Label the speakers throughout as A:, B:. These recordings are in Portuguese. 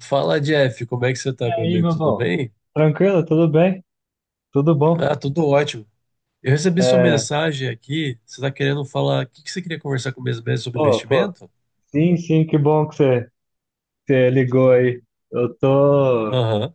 A: Fala, Jeff, como é que você
B: E
A: tá, meu
B: aí,
A: amigo?
B: meu
A: Tudo
B: bom?
A: bem?
B: Tranquilo? Tudo bem? Tudo bom?
A: Ah, tudo ótimo. Eu recebi sua
B: É,
A: mensagem aqui. Você tá querendo falar. O que que você queria conversar comigo mesmo sobre
B: pô,
A: investimento?
B: sim, sim, que bom que você ligou aí. Eu tô,
A: Aham,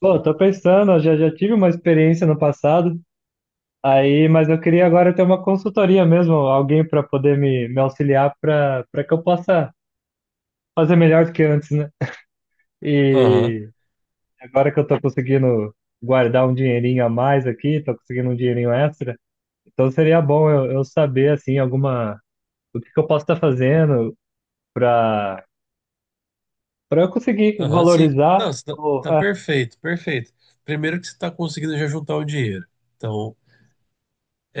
B: pô, tô pensando, eu já tive uma experiência no passado, aí, mas eu queria agora ter uma consultoria mesmo, alguém para poder me auxiliar para que eu possa fazer melhor do que antes, né?
A: aham,
B: E agora que eu tô conseguindo guardar um dinheirinho a mais aqui, tô conseguindo um dinheirinho extra, então seria bom eu saber, assim, alguma o que que eu posso estar fazendo para para eu conseguir
A: aham, sim. Não,
B: valorizar
A: você tá,
B: o
A: tá
B: Ah,
A: perfeito, perfeito. Primeiro que você tá conseguindo já juntar o dinheiro. Então,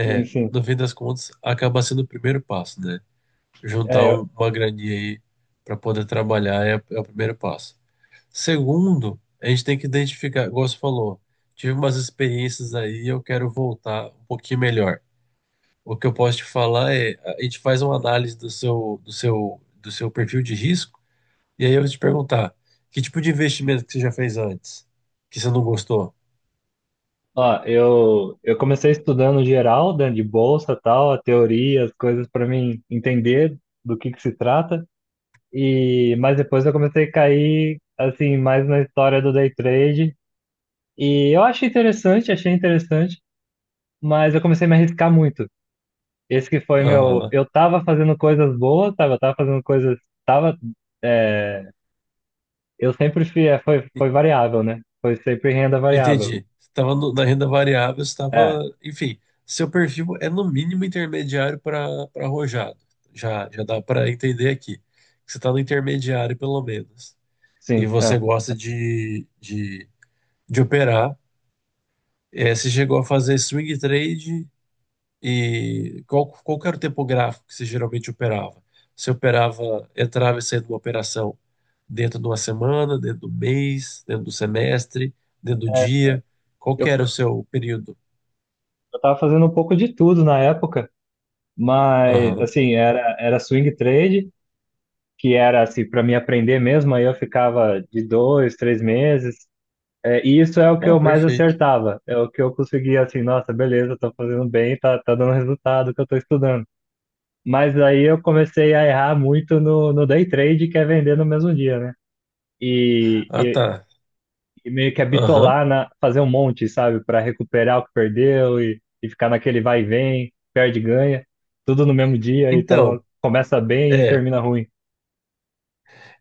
B: sim, sim.
A: no fim das contas, acaba sendo o primeiro passo, né? Juntar
B: É, eu-
A: um- uma graninha aí pra poder trabalhar é o primeiro passo. Segundo, a gente tem que identificar, igual você falou, tive umas experiências aí e eu quero voltar um pouquinho melhor. O que eu posso te falar é, a gente faz uma análise do seu perfil de risco, e aí eu vou te perguntar, que tipo de investimento que você já fez antes, que você não gostou?
B: ó, eu comecei estudando geral, né, de bolsa, tal, a teoria, as coisas para mim entender do que se trata. E mas depois eu comecei a cair assim mais na história do day trade e eu achei interessante, mas eu comecei a me arriscar muito. Esse que foi meu,
A: Aham,
B: eu tava fazendo coisas boas, eu tava fazendo coisas, tava é, Eu sempre fui, foi,
A: en-
B: foi variável, né? Foi sempre renda variável.
A: entendi. Você estava na renda variável, estava,
B: É,
A: enfim, seu perfil é no mínimo intermediário para arrojado. Já dá para entender aqui, que você está no intermediário pelo menos. E
B: sim,
A: você
B: é.
A: gosta de operar. É, você chegou a fazer swing trade e qual que era o tempo gráfico que você geralmente operava? Você operava, entrava e saía de uma operação dentro de uma semana, dentro do mês, dentro do semestre, dentro do dia? Qual
B: Eu,
A: que era o seu período?
B: eu tava fazendo um pouco de tudo na época, mas,
A: Aham.
B: assim, era swing trade, que era, assim, para mim aprender mesmo, aí eu ficava de 2, 3 meses. É, e isso é o que
A: Ó,
B: eu mais
A: perfeito.
B: acertava, é o que eu conseguia, assim, nossa, beleza, tô fazendo bem, tá dando resultado que eu tô estudando. Mas aí eu comecei a errar muito no day trade, que é vender no mesmo dia, né? E,
A: Ah,
B: e
A: tá.
B: e meio que
A: Aham.
B: habitolar na fazer um monte, sabe, para recuperar o que perdeu e ficar naquele vai e vem, perde e ganha, tudo no mesmo dia, então
A: Então,
B: começa bem e
A: é.
B: termina ruim.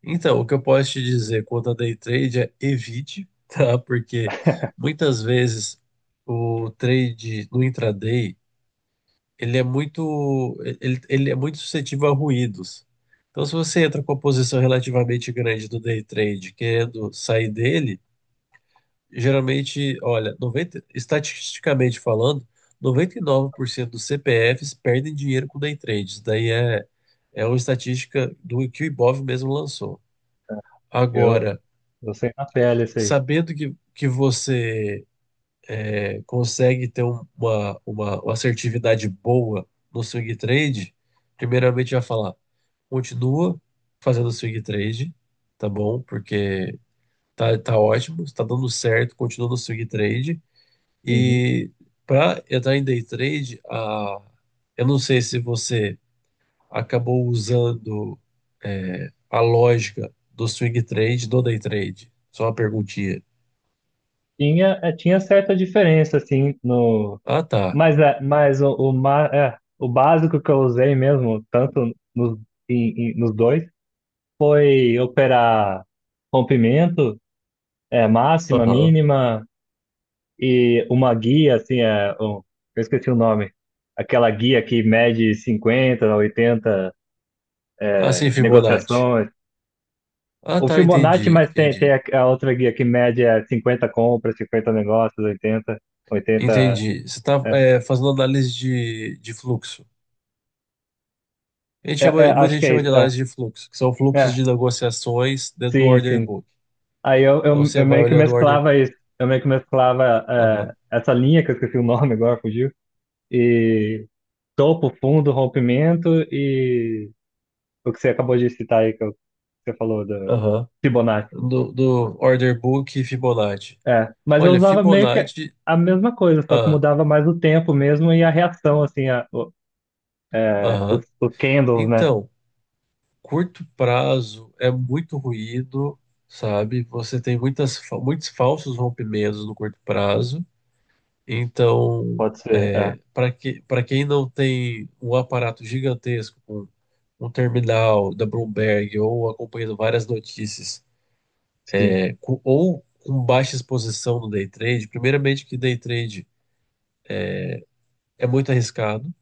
A: Então, o que eu posso te dizer quanto a day trade é evite, tá? Porque muitas vezes o trade no intraday, ele é muito, ele é muito suscetível a ruídos. Então, se você entra com uma posição relativamente grande do day trade, querendo sair dele, geralmente, olha, 90, estatisticamente falando, 99% dos CPFs perdem dinheiro com day trade. Isso daí é uma estatística do que o Ibov mesmo lançou.
B: Eu,
A: Agora,
B: eu sei na pele isso aí.
A: sabendo que você consegue ter uma assertividade boa no swing trade, primeiramente já falar, continua fazendo swing trade, tá bom? Porque tá, tá ótimo, está dando certo, continua no swing trade.
B: Uhum.
A: E para entrar em day trade, eu não sei se você acabou usando a lógica do swing trade, do day trade. Só uma perguntinha.
B: Tinha certa diferença assim no,
A: Ah, tá.
B: mas o básico que eu usei mesmo, tanto nos dois, foi operar rompimento, máxima,
A: Aham.
B: mínima. E uma guia, assim, eu esqueci o nome, aquela guia que mede 50, 80
A: Ah, sim, Fibonacci.
B: negociações.
A: Ah,
B: O
A: tá,
B: Fibonacci,
A: entendi,
B: mas tem
A: entendi.
B: a outra guia que mede 50 compras, 50 negócios, oitenta.
A: Entendi. Você está
B: É,
A: fazendo análise de fluxo. A gente chama, muita
B: acho
A: gente
B: que é
A: chama de
B: isso. É,
A: análise de fluxo, que são fluxos
B: é,
A: de negociações dentro do
B: sim,
A: order
B: sim.
A: book.
B: Aí eu,
A: Então
B: eu,
A: você
B: eu
A: vai
B: meio que
A: olhando o order
B: mesclava
A: book.
B: isso. Eu meio que mesclava
A: Aham,
B: essa linha, que eu esqueci o nome agora, fugiu. E topo, fundo, rompimento e o que você acabou de citar aí, que eu você falou do
A: aham.
B: Fibonacci.
A: Do order book e Fibonacci.
B: É, mas eu
A: Olha,
B: usava meio que
A: Fibonacci.
B: a mesma coisa, só que
A: Ah,
B: mudava mais o tempo mesmo e a reação, assim, a, o, é,
A: aham.
B: os candles, né?
A: Então, curto prazo é muito ruído, sabe? Você tem muitas, muitos falsos rompimentos no curto prazo. Então,
B: Pode ser,
A: é, para quem não tem um aparato gigantesco com um terminal da Bloomberg ou acompanhando várias notícias,
B: sim,
A: é, ou com baixa exposição no day trade, primeiramente que day trade é muito arriscado.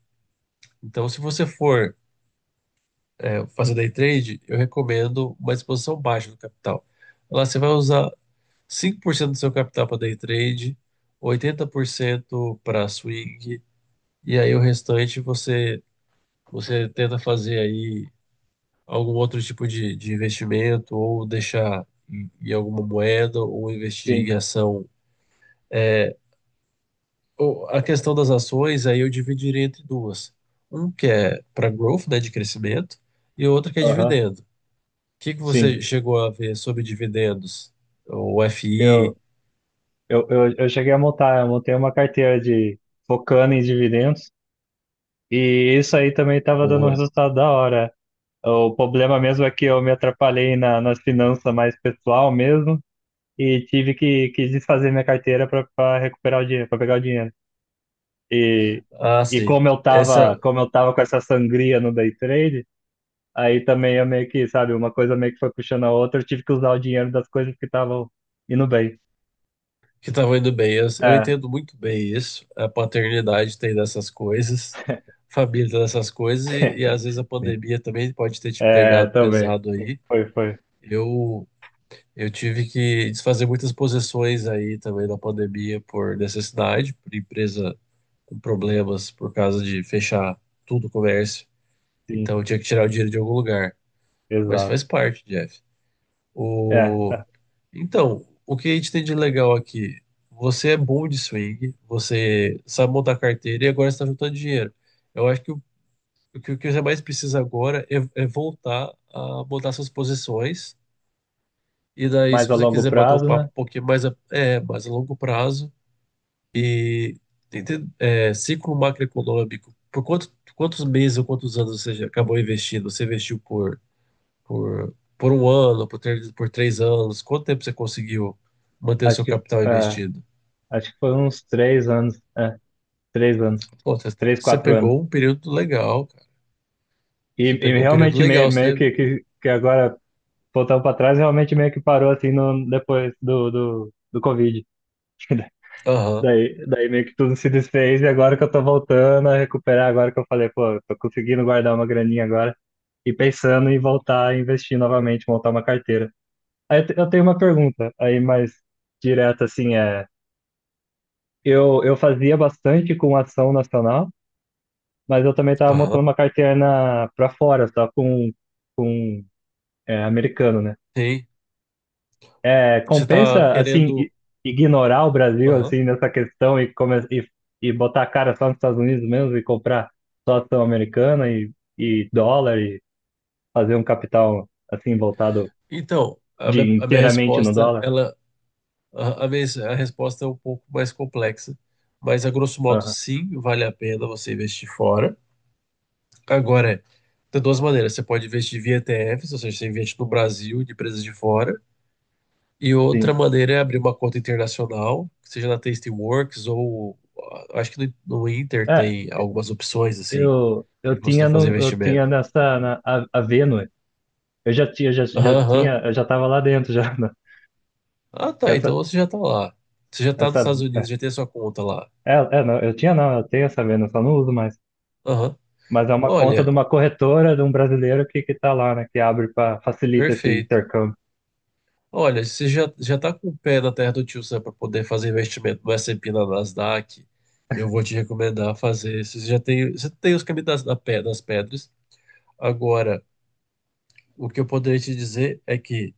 A: Então, se você for fazer day trade, eu recomendo uma exposição baixa do capital. Lá você vai usar 5% do seu capital para day trade, 80% para swing, e aí o restante você. Você tenta fazer aí algum outro tipo de investimento ou deixar em, em alguma moeda ou investir
B: sim,
A: em ação. Ou a questão das ações, aí eu dividiria entre duas. Um que é para growth, né, de crescimento, e outra que é
B: aham,
A: dividendo. O que que
B: sim.
A: você chegou a ver sobre dividendos? O
B: Eu,
A: FI,
B: eu cheguei a montar, eu montei uma carteira de focando em dividendos e isso aí também estava dando um
A: boa.
B: resultado da hora. O problema mesmo é que eu me atrapalhei na, nas finanças mais pessoal mesmo e tive que desfazer minha carteira para recuperar o dinheiro, para pegar o dinheiro. E,
A: Ah,
B: e
A: sim.
B: como eu tava,
A: Essa
B: com essa sangria no day trade, aí também eu meio que, sabe, uma coisa meio que foi puxando a outra, eu tive que usar o dinheiro das coisas que estavam indo bem.
A: que estavam indo bem. Eu
B: É,
A: entendo muito bem isso. A paternidade tem dessas coisas, família tem dessas coisas, e às vezes a
B: sim.
A: pandemia também pode ter te
B: É,
A: pegado
B: também.
A: pesado aí.
B: Foi, foi.
A: Eu, eu tive que desfazer muitas posições aí também na pandemia por necessidade, por empresa com problemas por causa de fechar tudo o comércio.
B: Sim,
A: Então eu tinha que tirar o dinheiro de algum lugar. Mas
B: exato.
A: faz parte, Jeff.
B: É,
A: O
B: é.
A: Então, o que a gente tem de legal aqui? Você é bom de swing, você sabe montar carteira e agora está juntando dinheiro. Eu acho que o que você mais precisa agora é voltar a montar suas posições. E daí,
B: Mais
A: se
B: a
A: você
B: longo
A: quiser bater um
B: prazo,
A: papo
B: né?
A: um pouquinho mais mais a longo prazo e ciclo macroeconômico, por quanto, quantos meses ou quantos anos você já acabou investindo? Você investiu por 1 ano, por 3 anos? Quanto tempo você conseguiu manter o
B: Acho
A: seu
B: que,
A: capital
B: é,
A: investido?
B: acho que foi uns 3 anos, 3 anos,
A: Pô, você, tá,
B: três,
A: você
B: quatro anos.
A: pegou um período legal, cara.
B: E,
A: Você
B: e
A: pegou um período
B: realmente
A: legal,
B: meio
A: você.
B: que agora, voltando para trás, realmente meio que parou assim no, depois do Covid.
A: Aham,
B: Daí, meio que tudo se desfez e agora que eu tô voltando a recuperar, agora que eu falei, pô, eu tô conseguindo guardar uma graninha agora e pensando em voltar a investir novamente, montar uma carteira. Aí eu tenho uma pergunta aí mais direta, assim, eu fazia bastante com ação nacional, mas eu também tava montando
A: aham,
B: uma carteira pra fora, só com americano, né?
A: sim.
B: É,
A: Você tá
B: compensa, assim,
A: querendo.
B: ignorar o Brasil,
A: Aham.
B: assim, nessa questão e botar a cara só nos Estados Unidos mesmo e comprar só ação americana e dólar e fazer um capital, assim, voltado
A: Então, a minha
B: inteiramente no
A: resposta,
B: dólar?
A: ela. A, a minha, a resposta é um pouco mais complexa. Mas, a grosso modo,
B: Aham,
A: sim, vale a pena você investir fora. Agora, é, tem duas maneiras. Você pode investir via ETFs, ou seja, você investe no Brasil, de empresas de fora. E
B: sim.
A: outra maneira é abrir uma conta internacional, seja na Tastyworks ou ah, acho que no Inter
B: É,
A: tem algumas opções assim
B: eu,
A: de
B: eu
A: você
B: tinha,
A: fazer
B: no, eu
A: investimento.
B: tinha a Venue, eu já tinha, já,
A: Aham,
B: já
A: aham.
B: tinha, eu já tava lá dentro, já, né?
A: Ah,
B: Que
A: tá.
B: essa,
A: Então você já tá lá. Você já tá nos
B: essa,
A: Estados
B: é,
A: Unidos, já tem a sua conta lá.
B: é, não, eu tinha não, eu tenho essa Venue, só não uso mais.
A: Aham.
B: Mas é uma conta de
A: Olha,
B: uma corretora de um brasileiro que tá lá, né? Que abre para facilita esse
A: perfeito.
B: intercâmbio.
A: Olha, você já tá com o pé na terra do tio Sam para poder fazer investimento no S&P, na Nasdaq. Eu vou te recomendar fazer. Você já tem, você tem os caminhos das pedras. Agora, o que eu poderia te dizer é que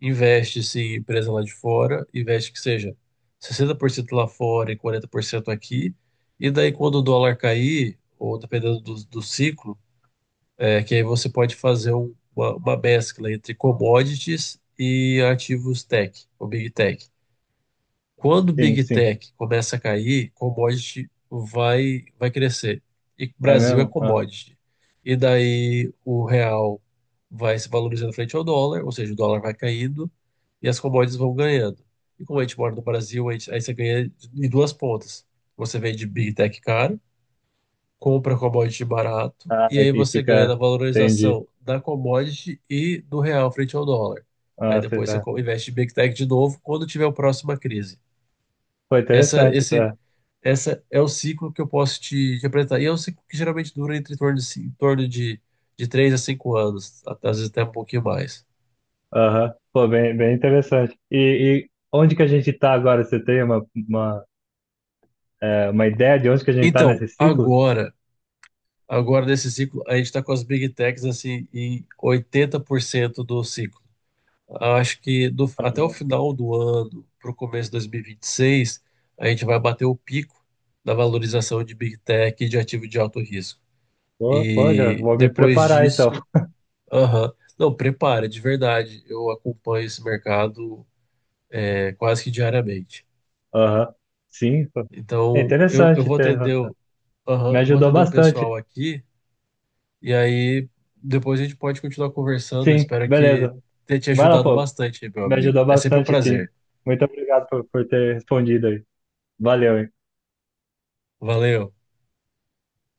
A: investe-se em empresa lá de fora, investe que seja 60% lá fora e 40% aqui, e daí quando o dólar cair, ou dependendo do ciclo, é, que aí você pode fazer uma mescla entre commodities e ativos tech, ou big tech. Quando o
B: Sim,
A: Big
B: sim.
A: Tech começa a cair, commodity vai crescer. E o
B: É
A: Brasil é
B: mesmo? Ah,
A: commodity. E daí o real vai se valorizando frente ao dólar, ou seja, o dólar vai caindo e as commodities vão ganhando. E como a gente mora no Brasil, a gente, aí você ganha em duas pontas. Você vende Big Tech caro, compra commodity barato,
B: ah,
A: e
B: e
A: aí
B: e
A: você ganha
B: fica.
A: na
B: Entendi.
A: valorização da commodity e do real frente ao dólar.
B: Ah,
A: Aí
B: cê-
A: depois você
B: ah.
A: investe em Big Tech de novo quando tiver a próxima crise.
B: Pô,
A: Essa,
B: interessante,
A: esse,
B: tá?
A: essa é o ciclo que eu posso te apresentar. E é um ciclo que geralmente dura entre em torno de 3 a 5 anos, às vezes até um pouquinho mais.
B: Aham. Pô, bem, bem interessante. E onde que a gente tá agora? Você tem uma ideia de onde que a gente tá
A: Então,
B: nesse ciclo?
A: agora nesse ciclo, a gente está com as Big Techs assim, em 80% do ciclo. Acho que até o final do ano, para o começo de 2026, a gente vai bater o pico da valorização de Big Tech e de ativo de alto risco.
B: Pô, já
A: E
B: vou me
A: depois
B: preparar então.
A: disso. Aham. Não, prepara, de verdade. Eu acompanho esse mercado é, quase que diariamente.
B: Aham. Sim, pô. É
A: Então, eu
B: interessante.
A: vou
B: Tá?
A: atender aham,
B: Me
A: eu vou
B: ajudou
A: atender o
B: bastante.
A: pessoal aqui e aí depois a gente pode continuar conversando. Eu
B: Sim,
A: espero que
B: beleza.
A: tenha te
B: Vai lá,
A: ajudado
B: pô.
A: bastante, meu
B: Me
A: amigo.
B: ajudou
A: É sempre um
B: bastante, sim.
A: prazer.
B: Muito obrigado por ter respondido aí. Valeu, hein?
A: Valeu.